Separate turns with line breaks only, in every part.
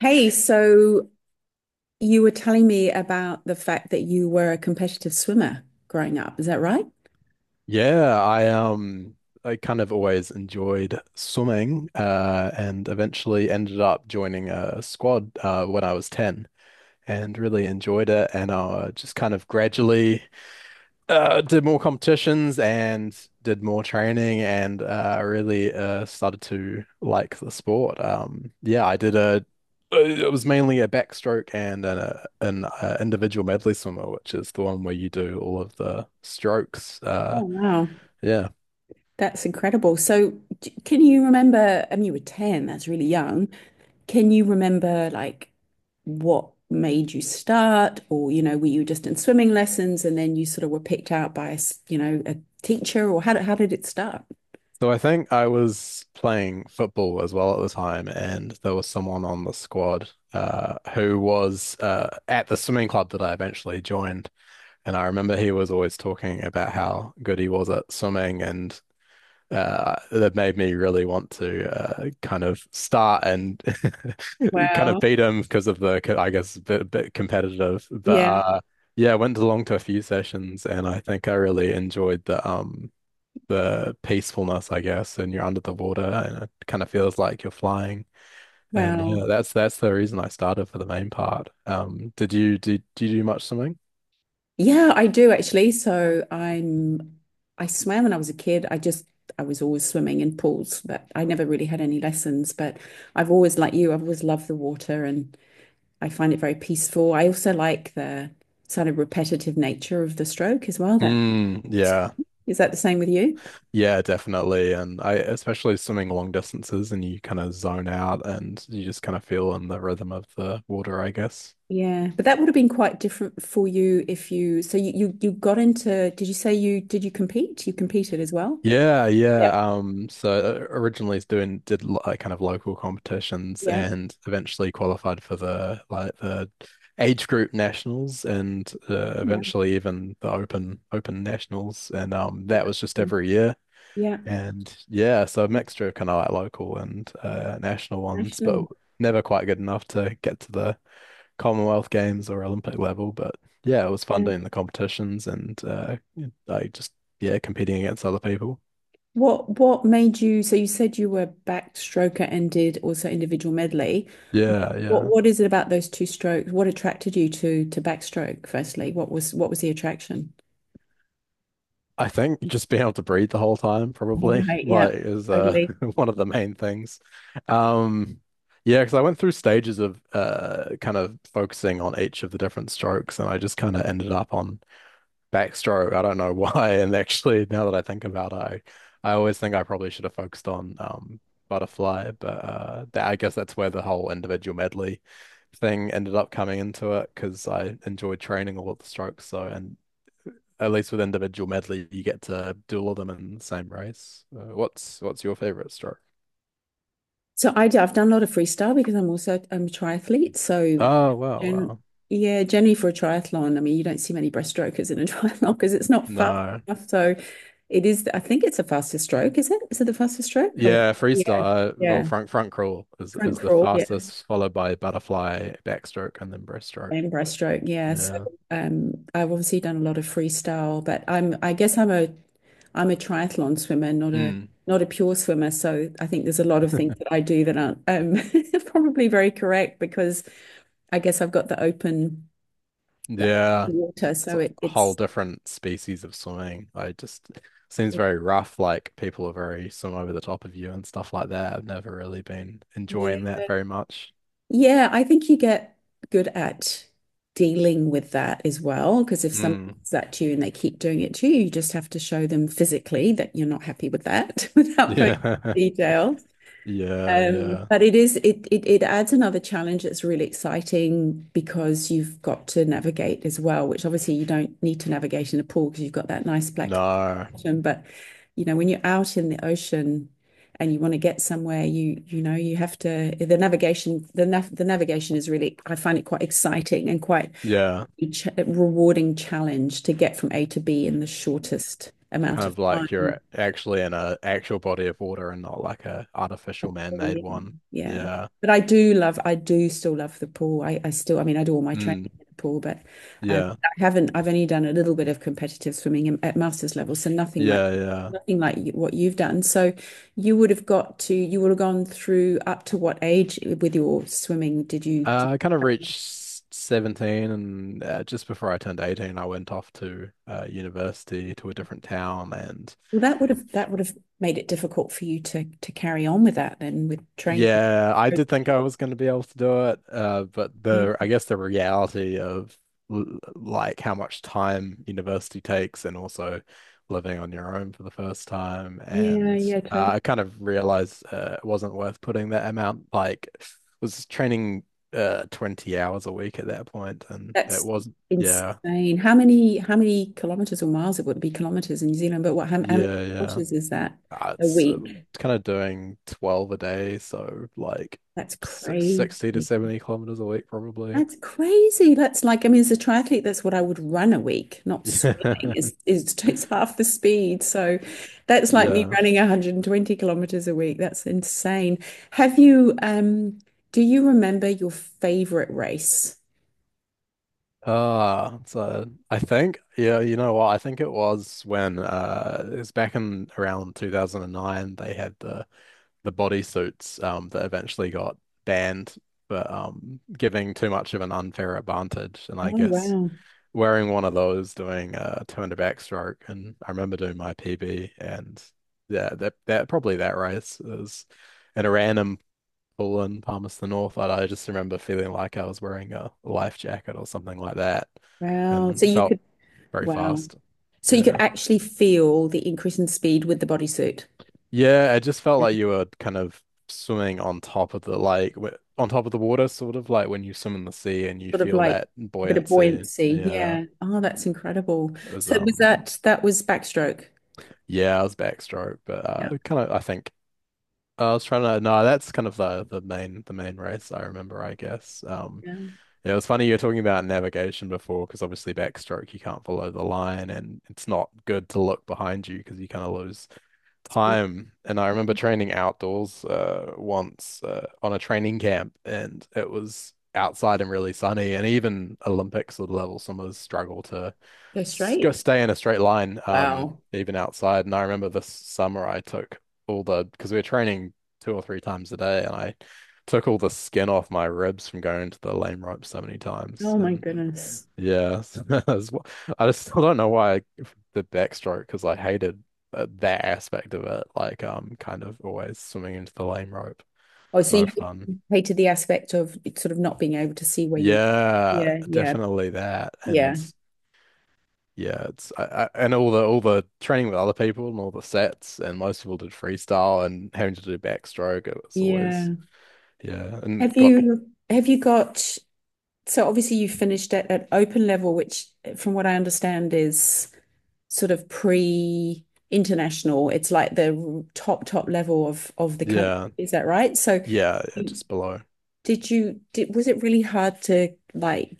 Hey, so you were telling me about the fact that you were a competitive swimmer growing up. Is that right?
Yeah. I kind of always enjoyed swimming and eventually ended up joining a squad when I was 10, and really enjoyed it, and just kind of gradually did more competitions and did more training, and really started to like the sport. Yeah, I did a it was mainly a backstroke and an individual medley swimmer, which is the one where you do all of the strokes.
Oh, wow.
Yeah.
That's incredible. So, can you remember? I mean, you were 10, that's really young. Can you remember, like, what made you start? Or, were you just in swimming lessons and then you sort of were picked out by a, s- you know, a teacher? Or how did it start?
So I think I was playing football as well at the time, and there was someone on the squad who was at the swimming club that I eventually joined. And I remember he was always talking about how good he was at swimming, and that made me really want to kind of start and kind of
Wow.
beat him because of the, I guess, a bit competitive. But
Yeah.
Yeah, I went along to a few sessions, and I think I really enjoyed the peacefulness, I guess, and you're under the water and it kind of feels like you're flying. And yeah,
Wow.
that's the reason I started for the main part. Did you did you do much swimming?
Yeah, I do actually. So I swam when I was a kid. I was always swimming in pools, but I never really had any lessons. But I've always, like you, I've always loved the water, and I find it very peaceful. I also like the sort of repetitive nature of the stroke as well. That
Mm, yeah.
Is that the same with you?
Yeah, definitely. And I especially swimming long distances and you kind of zone out and you just kind of feel in the rhythm of the water, I guess.
Yeah, but that would have been quite different for you if you got into, did you compete? You competed as well?
Yeah, yeah.
Yeah.
Originally it's doing did lo- like kind of local competitions,
Yeah.
and eventually qualified for the age group nationals, and eventually even the open nationals, and that was just
Yeah.
every year,
Yeah.
and yeah, so a mixture of kind of like local and national ones, but
National.
never quite good enough to get to the Commonwealth Games or Olympic level. But yeah, it was fun doing the competitions and like just yeah, competing against other people.
What made you so you said you were backed stroker and did also individual medley.
Yeah,
What
yeah.
what is it about those two strokes? What attracted you to backstroke firstly? What was the attraction?
I think just being able to breathe the whole time
All
probably,
right, yeah,
like is
totally.
one of the main things. Um yeah, because I went through stages of kind of focusing on each of the different strokes, and I just kind of ended up on backstroke. I don't know why. And actually, now that I think about it, I always think I probably should have focused on butterfly, I guess that's where the whole individual medley thing ended up coming into it, because I enjoyed training all of the strokes. So, and at least with individual medley, you get to do all of them in the same race. What's your favorite stroke?
So I've done a lot of freestyle because I'm a triathlete. So
Oh, wow,
gen,
wow.
yeah, generally for a triathlon, I mean you don't see many breaststrokers in a triathlon because it's not fast
No.
enough. So it is I think it's the fastest stroke, is it? Is it the fastest stroke?
Yeah,
Yeah,
freestyle. Well,
yeah.
front crawl
Front
is the
crawl, yeah.
fastest, followed by butterfly, backstroke, and then breaststroke.
And breaststroke, yeah. So
Yeah.
I've obviously done a lot of freestyle, but I guess I'm a triathlon swimmer, not a
Mm.
not a pure swimmer. So I think there's a lot of things that I do that aren't probably very correct because I guess I've got the open
Yeah.
water,
It's
so
a whole different species of swimming. I just seems
it,
very rough. Like people are very swim over the top of you and stuff like that. I've never really been enjoying
yeah,
that very much.
yeah. I think you get good at dealing with that as well, because if someone
Mm.
does that to you and they keep doing it to you, you just have to show them physically that you're not happy with that without going
Yeah.
into detail.
Yeah. Yeah.
But it is it, it it adds another challenge that's really exciting, because you've got to navigate as well, which obviously you don't need to navigate in a pool because you've got that nice black
No.
ocean. But you know, when you're out in the ocean and you want to get somewhere, you know you have to, the navigation is really, I find it quite exciting and quite
Yeah.
a rewarding challenge to get from A to B in the shortest amount
Kind
of
of like you're
time.
actually in a actual body of water and not like a
A
artificial
pool,
man-made
yeah,
one.
yeah.
Yeah.
But I do still love the pool. I mean, I do all my training
Mm.
in the pool, but
Yeah.
I haven't. I've only done a little bit of competitive swimming at masters level, so nothing like
Yeah, yeah.
you, what you've done. So you would have gone through up to what age with your swimming? Did you?
I kind of reached 17, and just before I turned 18, I went off to university to a different town. And
Well, that would have made it difficult for you to carry on with that then with training.
yeah, I did think I was going to be able to do it, but
Yeah,
the I guess the reality of like how much time university takes, and also living on your own for the first time,
yeah,
and
yeah, totally.
I kind of realized it wasn't worth putting that amount. Like, was training 20 hours a week at that point, and it
That's
wasn't. Yeah,
insane. How many kilometers or miles, it would be kilometers in New Zealand, but how many
yeah, yeah.
kilometers is that a
It's
week?
Kind of doing 12 a day, so like
That's
six, 60 to
crazy.
70 kilometers a week probably.
That's crazy. That's like, I mean, as a triathlete, that's what I would run a week, not swimming.
Yeah.
Is It's half the speed. So that's like me
Yeah.
running 120 kilometers a week. That's insane. Have you do you remember your favorite race?
Ah, so I think, yeah, you know what? I think it was when it was back in around 2009 they had the bodysuits that eventually got banned for giving too much of an unfair advantage, and
Oh,
I guess
wow.
wearing one of those doing a 200 backstroke, and I remember doing my PB. And yeah, that probably that race is in a random pool in Palmerston North. I just remember feeling like I was wearing a life jacket or something like that,
Wow.
and felt very
Wow.
fast.
So you could
Yeah.
actually feel the increase in speed with the bodysuit.
Yeah, it just felt
Yeah.
like you were kind of swimming on top of the like w on top of the water, sort of like when you swim in the sea and you
Sort of
feel
like
that
a bit of
buoyancy.
buoyancy.
Yeah.
Yeah. Oh, that's incredible.
It was
So that was backstroke?
yeah, it was backstroke, but
Yeah.
kind of I think I was trying to no, that's kind of the main race I remember, I guess.
Yeah.
Yeah, it was funny you were talking about navigation before, because obviously backstroke you can't follow the line, and it's not good to look behind you because you kind of lose
It's been
time. And I remember training outdoors once on a training camp, and it was outside and really sunny. And even Olympic sort of level swimmers struggle to
Go
go
straight.
stay in a straight line,
Wow.
even outside. And I remember this summer I took all the because we were training two or three times a day, and I took all the skin off my ribs from going to the lane rope so many times.
Oh my
And
goodness.
yeah, I just still don't know why the backstroke, because I hated that aspect of it. Like, kind of always swimming into the lame rope.
Oh,
It's
so you
no fun.
hated the aspect of it, sort of not being able to see where you're —
Yeah,
yeah, yeah,
definitely that. And
yeah,
yeah, and all the training with other people and all the sets, and most people did freestyle, and having to do backstroke. It was always
yeah.
yeah, and got
Have you got So obviously you finished at open level, which from what I understand is sort of pre international. It's like the top, top level of the country.
yeah,
Is that right? So
yeah, yeah,
you-
just below.
you did was it really hard to like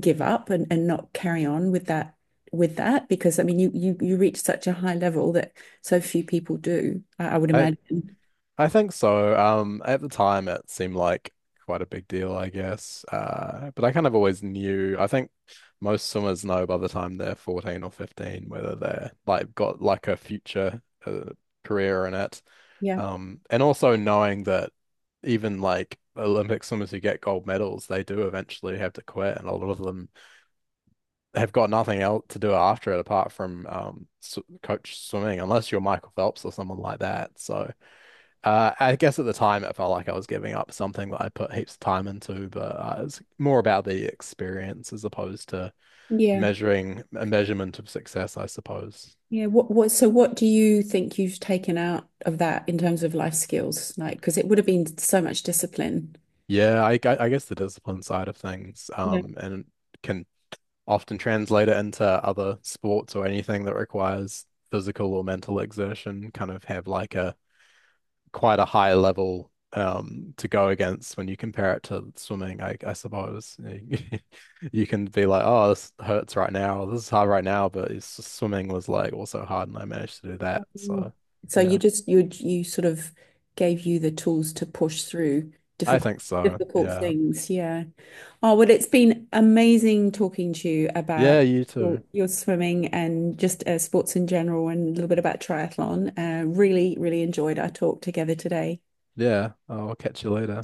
give up, and not carry on with that with that? Because I mean you reach such a high level that so few people do, I would
I,
imagine.
I think so. At the time, it seemed like quite a big deal, I guess. But I kind of always knew. I think most swimmers know by the time they're 14 or 15 whether they're like got like a future career in it.
Yeah.
And also knowing that even like Olympic swimmers who get gold medals, they do eventually have to quit, and a lot of them have got nothing else to do after it apart from sw coach swimming, unless you're Michael Phelps or someone like that. So. I guess at the time it felt like I was giving up something that I put heaps of time into, but it's more about the experience as opposed to
Yeah.
measuring a measurement of success, I suppose.
Yeah. What do you think you've taken out of that in terms of life skills? Like, because it would have been so much discipline.
Yeah, I guess the discipline side of things,
Yeah.
and can often translate it into other sports or anything that requires physical or mental exertion. Kind of have like a quite a high level, to go against when you compare it to swimming, I suppose. You you can be like, oh, this hurts right now, this is hard right now, but it's just swimming was like also hard and I managed to do that.
Mm.
So,
So
yeah,
you sort of gave you the tools to push through
I
difficult
think so. Yeah.
things. Yeah. Oh, well, it's been amazing talking to you about
Yeah, you
your
too.
your swimming and just sports in general and a little bit about triathlon. Really, really enjoyed our talk together today.
Yeah, I'll catch you later.